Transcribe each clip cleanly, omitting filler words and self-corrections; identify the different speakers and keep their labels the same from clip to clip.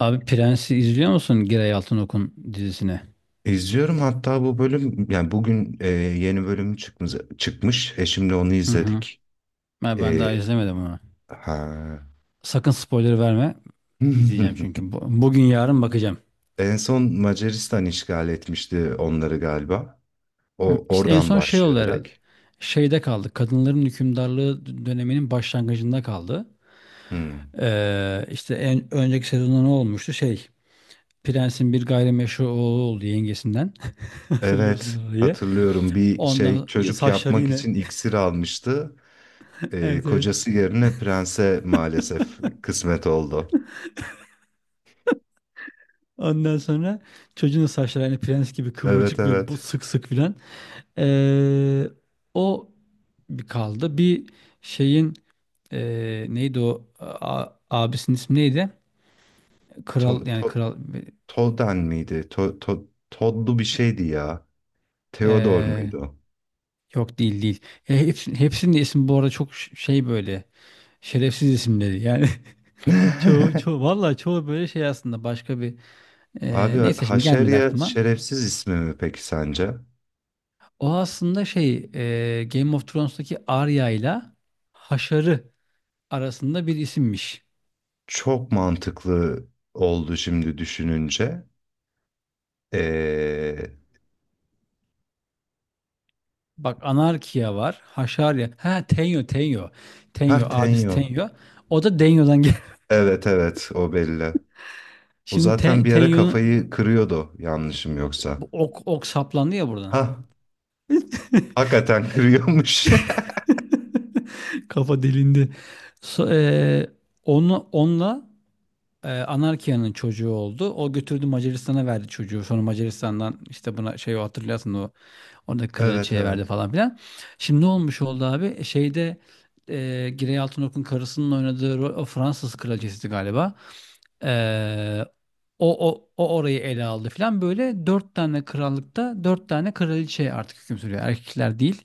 Speaker 1: Abi Prens'i izliyor musun Giray Altınok'un dizisini?
Speaker 2: İzliyorum hatta bu bölüm yani bugün yeni bölümü çıkmış. Eşimle onu
Speaker 1: Hı hı.
Speaker 2: izledik.
Speaker 1: Ben
Speaker 2: E,
Speaker 1: daha izlemedim onu.
Speaker 2: ha.
Speaker 1: Sakın spoiler verme. İzleyeceğim çünkü. Bugün yarın bakacağım.
Speaker 2: En son Macaristan işgal etmişti onları galiba.
Speaker 1: Hı.
Speaker 2: O
Speaker 1: İşte en
Speaker 2: oradan
Speaker 1: son şey
Speaker 2: başlıyor
Speaker 1: oldu
Speaker 2: direkt.
Speaker 1: herhalde. Şeyde kaldı. Kadınların hükümdarlığı döneminin başlangıcında kaldı.
Speaker 2: Hmm.
Speaker 1: İşte en önceki sezonda ne olmuştu? Şey, Prens'in bir gayrimeşru oğlu oldu yengesinden. Hatırlıyorsun
Speaker 2: Evet,
Speaker 1: orayı.
Speaker 2: hatırlıyorum, bir şey
Speaker 1: Ondan
Speaker 2: çocuk
Speaker 1: saçları
Speaker 2: yapmak
Speaker 1: yine.
Speaker 2: için iksir almıştı. E,
Speaker 1: Evet, evet.
Speaker 2: kocası yerine prense maalesef kısmet oldu.
Speaker 1: Ondan sonra çocuğun da saçları hani prens gibi
Speaker 2: Evet,
Speaker 1: kıvırcık ve bu
Speaker 2: evet.
Speaker 1: sık sık filan. Ee, O bir kaldı. Bir şeyin, neydi o, abisinin ismi neydi? Kral,
Speaker 2: To,
Speaker 1: yani
Speaker 2: to,
Speaker 1: kral.
Speaker 2: Tolden miydi? Todlu bir şeydi ya. Theodor
Speaker 1: ee,
Speaker 2: muydu, o?
Speaker 1: Yok, değil, değil. Hepsinin de ismi bu arada çok şey, böyle şerefsiz isimleri. Yani çoğu çoğu vallahi, çoğu böyle şey aslında başka bir,
Speaker 2: Abi,
Speaker 1: neyse, şimdi gelmedi
Speaker 2: Haşerya
Speaker 1: aklıma.
Speaker 2: şerefsiz ismi mi peki sence?
Speaker 1: O aslında şey, Game of Thrones'taki Arya ile Haşar'ı arasında bir isimmiş.
Speaker 2: Çok mantıklı oldu şimdi düşününce. Ee...
Speaker 1: Bak, Anarkia var. Haşarya. Ha, Tenyo, Tenyo.
Speaker 2: Ha,
Speaker 1: Tenyo, abisi
Speaker 2: Tenyo.
Speaker 1: Tenyo. O da Denyo'dan gel.
Speaker 2: Evet, evet, o belli. O
Speaker 1: Şimdi
Speaker 2: zaten bir ara
Speaker 1: Tenyo'nun
Speaker 2: kafayı kırıyordu, yanlışım yoksa.
Speaker 1: bu ok saplandı ya
Speaker 2: Ha,
Speaker 1: buradan.
Speaker 2: hakikaten kırıyormuş.
Speaker 1: Kafa delindi. So- e, onu onunla, Anarkia'nın çocuğu oldu. O götürdü, Macaristan'a verdi çocuğu. Sonra Macaristan'dan işte buna şey, hatırlarsın, o orada
Speaker 2: Evet,
Speaker 1: kraliçeye verdi
Speaker 2: evet,
Speaker 1: falan filan. Şimdi ne olmuş oldu abi? Şeyde, Girey Altınok'un karısının oynadığı rol, o Fransız kraliçesiydi galiba. E, o orayı ele aldı filan. Böyle dört tane krallıkta dört tane kraliçe artık hüküm sürüyor. Erkekler değil.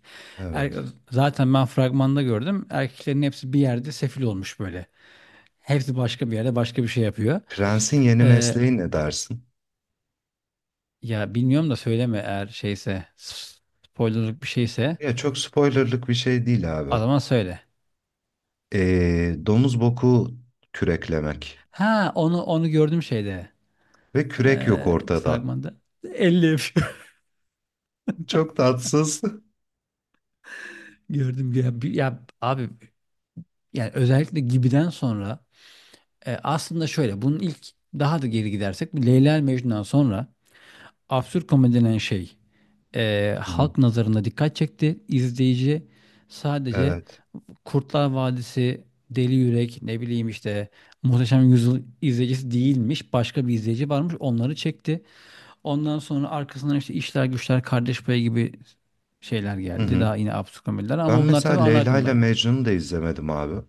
Speaker 1: Er-
Speaker 2: evet.
Speaker 1: Zaten ben fragmanda gördüm. Erkeklerin hepsi bir yerde sefil olmuş böyle. Hepsi başka bir yerde başka bir şey yapıyor.
Speaker 2: Prensin yeni
Speaker 1: E,
Speaker 2: mesleği ne dersin?
Speaker 1: Ya bilmiyorum da söyleme, eğer şeyse, spoilerlık bir şeyse
Speaker 2: Ya çok spoilerlık bir şey değil
Speaker 1: o
Speaker 2: abi.
Speaker 1: zaman söyle.
Speaker 2: Domuz boku küreklemek.
Speaker 1: Ha, onu gördüm şeyde.
Speaker 2: Ve kürek yok ortada.
Speaker 1: Fragmanda. 50 yapıyor.
Speaker 2: Çok tatsız.
Speaker 1: Gördüm ya, ya abi, yani özellikle Gibi'den sonra, aslında şöyle, bunun ilk, daha da geri gidersek, bu Leyla ile Mecnun'dan sonra absürt komedi denen şey
Speaker 2: Hı hı.
Speaker 1: halk nazarında dikkat çekti. İzleyici sadece
Speaker 2: Evet.
Speaker 1: Kurtlar Vadisi, Deli Yürek, ne bileyim işte Muhteşem Yüzyıl izleyicisi değilmiş. Başka bir izleyici varmış. Onları çekti. Ondan sonra arkasından işte işler güçler, Kardeş Payı gibi şeyler
Speaker 2: Hı
Speaker 1: geldi.
Speaker 2: hı.
Speaker 1: Daha yine absürt komediler ama
Speaker 2: Ben
Speaker 1: bunlar
Speaker 2: mesela
Speaker 1: tabii ana
Speaker 2: Leyla ile
Speaker 1: akımdaydı.
Speaker 2: Mecnun'u da izlemedim abi.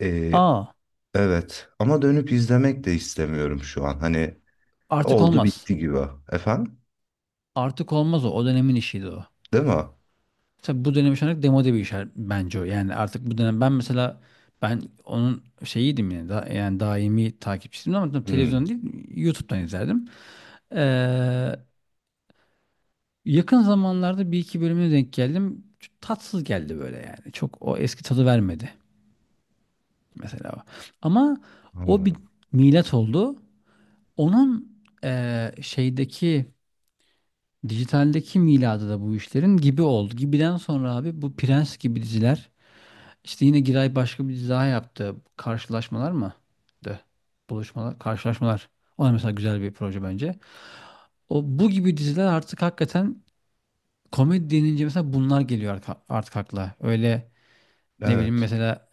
Speaker 2: Ee,
Speaker 1: Aa,
Speaker 2: evet. Ama dönüp izlemek de istemiyorum şu an. Hani
Speaker 1: artık
Speaker 2: oldu
Speaker 1: olmaz.
Speaker 2: bitti gibi. Efendim?
Speaker 1: Artık olmaz o. O dönemin işiydi o.
Speaker 2: Değil mi?
Speaker 1: Tabii bu dönem şu anlık demode bir iş, bence o. Yani artık bu dönem, ben mesela ben onun şeyiydim yani, da, yani daimi takipçisiydim, ama tabii
Speaker 2: Hı,
Speaker 1: televizyon değil, YouTube'dan izlerdim. Ee, Yakın zamanlarda bir iki bölümüne denk geldim. Çok tatsız geldi böyle yani. Çok o eski tadı vermedi mesela. Ama o bir
Speaker 2: anladım.
Speaker 1: milat oldu. Onun şeydeki, dijitaldeki miladı da bu işlerin Gibi oldu. Gibi'den sonra abi, bu Prens gibi diziler, işte yine Giray başka bir dizi daha yaptı. Karşılaşmalar mı? De. Buluşmalar, karşılaşmalar. O da mesela güzel bir proje bence. O, bu gibi diziler artık hakikaten komedi denince mesela bunlar geliyor artık akla. Öyle, ne bileyim,
Speaker 2: Evet.
Speaker 1: mesela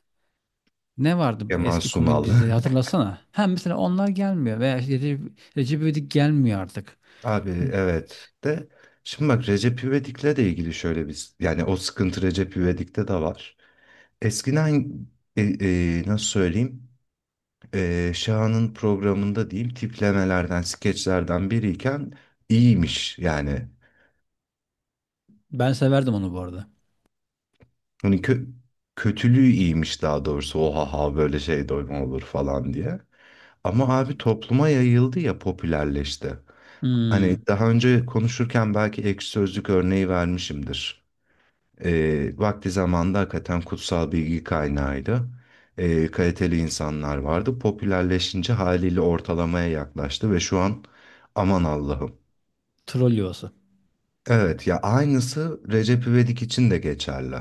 Speaker 1: ne vardı bu
Speaker 2: Kemal
Speaker 1: eski komedi
Speaker 2: Sunal.
Speaker 1: dizileri, hatırlasana. Hem mesela onlar gelmiyor, veya işte Recep İvedik gelmiyor artık.
Speaker 2: Abi, evet. De şimdi bak, Recep İvedik'le de ilgili şöyle bir, yani o sıkıntı Recep İvedik'te de var. Eskiden nasıl söyleyeyim, Şahan'ın programında diyeyim, tiplemelerden, skeçlerden biriyken iyiymiş yani.
Speaker 1: Ben severdim onu bu arada.
Speaker 2: Hani kötülüğü iyiymiş daha doğrusu. Oha, ha böyle şey de mi olur falan diye. Ama abi topluma yayıldı ya, popülerleşti. Hani
Speaker 1: Hmm,
Speaker 2: daha önce konuşurken belki ekşi sözlük örneği vermişimdir. Vakti zamanında hakikaten kutsal bilgi kaynağıydı. Kaliteli insanlar vardı. Popülerleşince haliyle ortalamaya yaklaştı ve şu an aman Allah'ım.
Speaker 1: troll yuvası.
Speaker 2: Evet ya, aynısı Recep İvedik için de geçerli.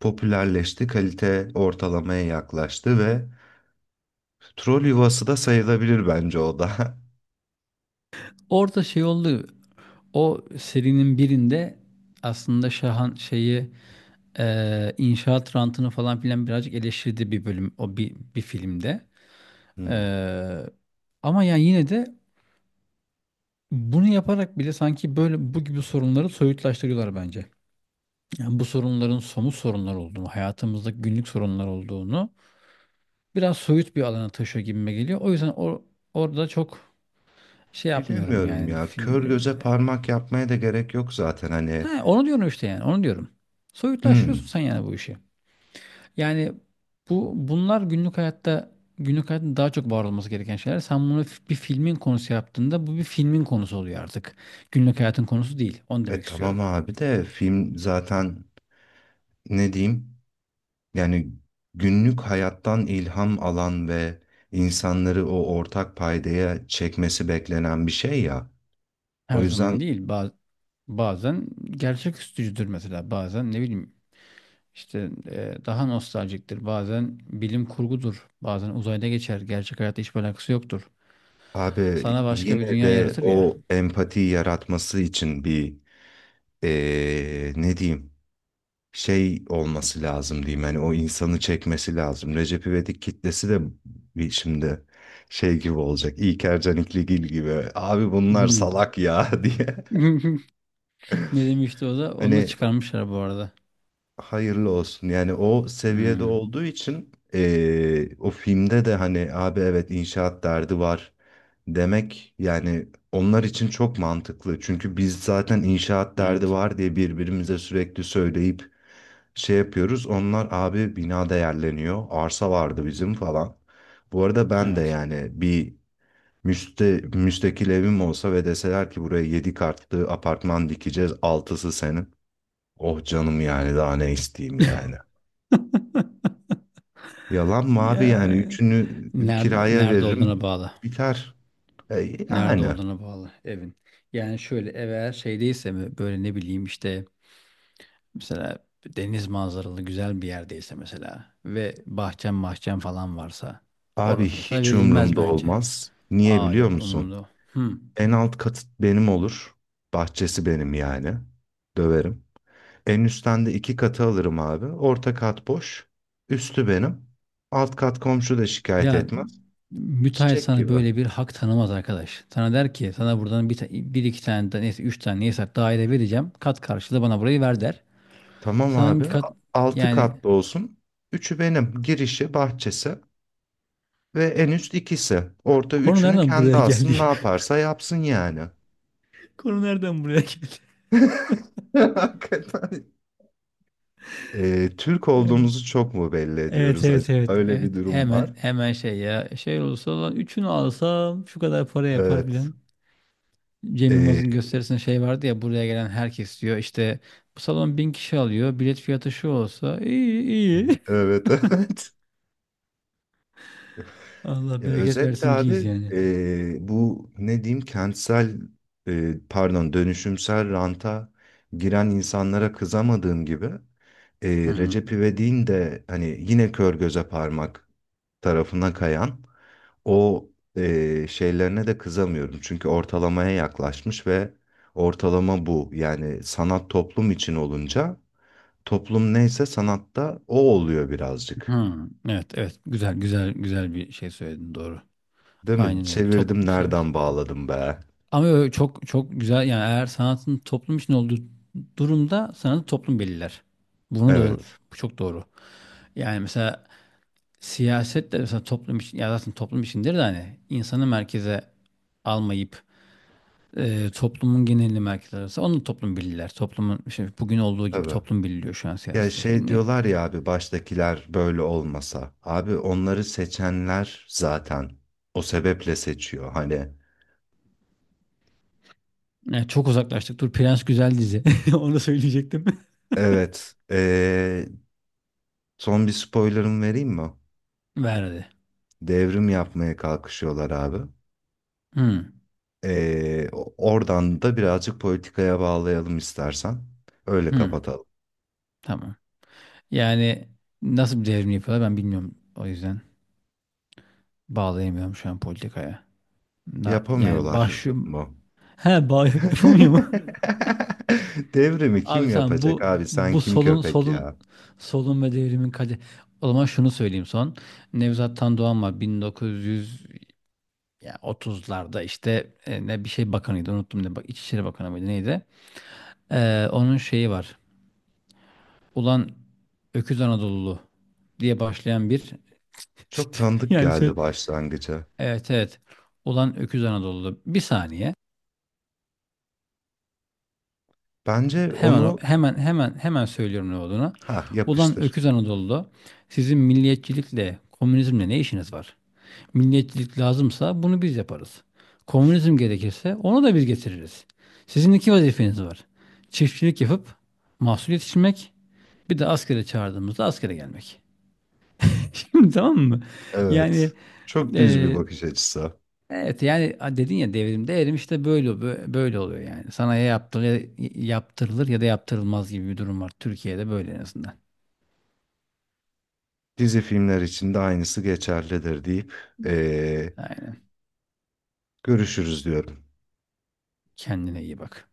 Speaker 2: Popülerleşti, kalite ortalamaya yaklaştı ve troll yuvası da sayılabilir bence o da.
Speaker 1: Orada şey oldu. O serinin birinde aslında Şahan şeyi, inşaat rantını falan filan birazcık eleştirdi bir bölüm, o bir filmde. E,
Speaker 2: Hmm.
Speaker 1: Ama yani yine de, bunu yaparak bile sanki böyle bu gibi sorunları soyutlaştırıyorlar bence. Yani bu sorunların somut sorunlar olduğunu, hayatımızda günlük sorunlar olduğunu biraz soyut bir alana taşıyor gibime geliyor. O yüzden orada çok şey yapmıyorum
Speaker 2: Bilemiyorum
Speaker 1: yani,
Speaker 2: ya. Kör
Speaker 1: filmlerin.
Speaker 2: göze parmak yapmaya da gerek yok zaten, hani.
Speaker 1: He, onu diyorum işte, yani onu diyorum. Soyutlaştırıyorsun
Speaker 2: Hmm.
Speaker 1: sen yani bu işi. Yani bunlar günlük hayatta, günlük hayatın daha çok var olması gereken şeyler. Sen bunu bir filmin konusu yaptığında, bu bir filmin konusu oluyor artık. Günlük hayatın konusu değil. Onu
Speaker 2: E
Speaker 1: demek
Speaker 2: tamam
Speaker 1: istiyorum.
Speaker 2: abi, de film zaten, ne diyeyim? Yani günlük hayattan ilham alan ve insanları o ortak paydaya çekmesi beklenen bir şey ya.
Speaker 1: Her
Speaker 2: O yüzden
Speaker 1: zaman değil. Bazen gerçek üstücüdür mesela. Bazen ne bileyim, İşte daha nostaljiktir. Bazen bilim kurgudur. Bazen uzayda geçer. Gerçek hayatta hiçbir alakası yoktur.
Speaker 2: abi
Speaker 1: Sana başka bir
Speaker 2: yine
Speaker 1: dünya
Speaker 2: de
Speaker 1: yaratır ya.
Speaker 2: o empati yaratması için bir ne diyeyim, şey olması lazım diyeyim. Yani o insanı çekmesi lazım. Recep İvedik kitlesi de bir şimdi şey gibi olacak. İlker Canikligil gibi. Abi bunlar
Speaker 1: Hmm.
Speaker 2: salak ya, diye.
Speaker 1: Ne demişti o da? Onu da
Speaker 2: Hani
Speaker 1: çıkarmışlar bu arada.
Speaker 2: hayırlı olsun. Yani o seviyede
Speaker 1: Hmm,
Speaker 2: olduğu için o filmde de hani abi evet, inşaat derdi var demek, yani onlar için çok mantıklı. Çünkü biz zaten inşaat derdi
Speaker 1: evet.
Speaker 2: var diye birbirimize sürekli söyleyip şey yapıyoruz. Onlar abi bina değerleniyor, arsa vardı bizim falan. Bu arada ben de
Speaker 1: Evet.
Speaker 2: yani bir müstakil evim olsa ve deseler ki buraya 7 katlı apartman dikeceğiz, altısı senin. Oh canım, yani daha ne isteyeyim yani. Yalan mı abi, yani
Speaker 1: Ya,
Speaker 2: üçünü
Speaker 1: nerede
Speaker 2: kiraya
Speaker 1: nerede olduğuna
Speaker 2: veririm
Speaker 1: bağlı.
Speaker 2: biter. E,
Speaker 1: Nerede
Speaker 2: yani.
Speaker 1: olduğuna bağlı evin. Yani şöyle, ev eğer şeydeyse mi, böyle ne bileyim, işte mesela deniz manzaralı güzel bir yerdeyse mesela ve bahçem falan varsa,
Speaker 2: Abi
Speaker 1: orası mesela
Speaker 2: hiç
Speaker 1: verilmez
Speaker 2: umurumda
Speaker 1: bence.
Speaker 2: olmaz. Niye
Speaker 1: Aa,
Speaker 2: biliyor
Speaker 1: yok
Speaker 2: musun?
Speaker 1: umurumda. Hmm.
Speaker 2: En alt katı benim olur. Bahçesi benim yani. Döverim. En üstten de iki katı alırım abi. Orta kat boş. Üstü benim. Alt kat komşu da şikayet
Speaker 1: Ya
Speaker 2: etmez.
Speaker 1: müteahhit
Speaker 2: Çiçek
Speaker 1: sana
Speaker 2: gibi.
Speaker 1: böyle bir hak tanımaz arkadaş. Sana der ki: sana buradan bir iki tane de, neyse, üç tane neyse daire vereceğim. Kat karşılığı bana burayı ver, der.
Speaker 2: Tamam
Speaker 1: Sana
Speaker 2: abi.
Speaker 1: hangi kat,
Speaker 2: Altı
Speaker 1: yani
Speaker 2: katlı olsun. Üçü benim. Girişi, bahçesi ve en üst ikisi. Orta
Speaker 1: konu
Speaker 2: üçünü
Speaker 1: nereden
Speaker 2: kendi
Speaker 1: buraya geldi?
Speaker 2: alsın, ne yaparsa yapsın yani.
Speaker 1: Konu nereden buraya geldi?
Speaker 2: Hakikaten Türk olduğumuzu çok mu belli
Speaker 1: Evet,
Speaker 2: ediyoruz
Speaker 1: evet,
Speaker 2: acaba?
Speaker 1: evet,
Speaker 2: Öyle bir
Speaker 1: evet,
Speaker 2: durum
Speaker 1: hemen
Speaker 2: var.
Speaker 1: hemen şey, ya şey olursa olan üçünü alsam şu kadar para yapar,
Speaker 2: Evet.
Speaker 1: bilen Cem
Speaker 2: Ee,
Speaker 1: Yılmaz'ın gösterisinde şey vardı ya, buraya gelen herkes diyor işte bu salon 1.000 kişi alıyor, bilet fiyatı şu olsa iyi, iyi
Speaker 2: evet, evet.
Speaker 1: Allah
Speaker 2: Ya
Speaker 1: bereket
Speaker 2: özetle
Speaker 1: versin ciz
Speaker 2: abi,
Speaker 1: yani.
Speaker 2: bu ne diyeyim, kentsel pardon, dönüşümsel ranta giren insanlara kızamadığım gibi, e,
Speaker 1: Hı hı.
Speaker 2: Recep İvedik'in de hani yine kör göze parmak tarafına kayan o şeylerine de kızamıyorum. Çünkü ortalamaya yaklaşmış ve ortalama bu. Yani sanat toplum için olunca, toplum neyse sanatta o oluyor birazcık.
Speaker 1: Hı. Evet, evet, güzel, güzel, güzel bir şey söyledin, doğru.
Speaker 2: Değil mi?
Speaker 1: Aynen öyle, toplum,
Speaker 2: Çevirdim,
Speaker 1: evet.
Speaker 2: nereden bağladım be?
Speaker 1: Ama öyle çok çok güzel, yani eğer sanatın toplum için olduğu durumda sanatı toplum belirler. Bunu doğru,
Speaker 2: Evet,
Speaker 1: bu çok doğru. Yani mesela siyaset de mesela toplum için, ya zaten toplum içindir de, hani insanı merkeze almayıp toplumun genelini merkeze alırsa, onu toplum belirler. Toplumun şey, bugün olduğu gibi
Speaker 2: tabii.
Speaker 1: toplum belirliyor şu an
Speaker 2: Ya
Speaker 1: siyasetin
Speaker 2: şey
Speaker 1: şeyini. Niye?
Speaker 2: diyorlar ya abi, baştakiler böyle olmasa. Abi onları seçenler zaten o sebeple seçiyor. Hani
Speaker 1: Yani çok uzaklaştık. Dur, Prens güzel dizi. Onu söyleyecektim.
Speaker 2: evet, son bir spoiler'ım vereyim mi?
Speaker 1: Verdi.
Speaker 2: Devrim yapmaya kalkışıyorlar abi.
Speaker 1: Hmm.
Speaker 2: Oradan da birazcık politikaya bağlayalım istersen. Öyle
Speaker 1: Hmm.
Speaker 2: kapatalım.
Speaker 1: Tamam. Yani nasıl bir devrim yapıyorlar ben bilmiyorum. O yüzden bağlayamıyorum şu an politikaya. Yani
Speaker 2: Yapamıyorlar
Speaker 1: başım...
Speaker 2: mı?
Speaker 1: He, yapamıyor mu?
Speaker 2: Devrimi
Speaker 1: Abi
Speaker 2: kim
Speaker 1: tamam,
Speaker 2: yapacak abi? Sen
Speaker 1: bu
Speaker 2: kim
Speaker 1: solun
Speaker 2: köpek
Speaker 1: solun
Speaker 2: ya?
Speaker 1: solun ve devrimin kadı. O zaman şunu söyleyeyim son. Nevzat Tan Doğan var 1930'larda, işte ne bir şey bakanıydı, unuttum, ne, bak, İçişleri Bakanı mıydı, neydi? Onun şeyi var. "Ulan Öküz Anadolulu" diye başlayan bir
Speaker 2: Çok tanıdık
Speaker 1: yani
Speaker 2: geldi başlangıca.
Speaker 1: evet, evet. "Ulan Öküz Anadolu'da," bir saniye.
Speaker 2: Bence
Speaker 1: Hemen o-
Speaker 2: onu
Speaker 1: hemen hemen hemen söylüyorum ne olduğunu.
Speaker 2: ha
Speaker 1: "Ulan
Speaker 2: yapıştır.
Speaker 1: öküz Anadolu'da sizin milliyetçilikle, komünizmle ne işiniz var? Milliyetçilik lazımsa bunu biz yaparız. Komünizm gerekirse onu da biz getiririz. Sizin iki vazifeniz var. Çiftçilik yapıp mahsul yetiştirmek, bir de askere çağırdığımızda askere gelmek." Şimdi, tamam mı? Yani
Speaker 2: Evet. Çok düz bir
Speaker 1: e,
Speaker 2: bakış açısı.
Speaker 1: evet, yani dedin ya devrimde erim, işte böyle, böyle oluyor yani. Sana ya yaptırılır, yaptırılır ya da yaptırılmaz gibi bir durum var. Türkiye'de böyle, en azından.
Speaker 2: Dizi filmler için de aynısı geçerlidir deyip eee,
Speaker 1: Aynen.
Speaker 2: görüşürüz diyorum.
Speaker 1: Kendine iyi bak.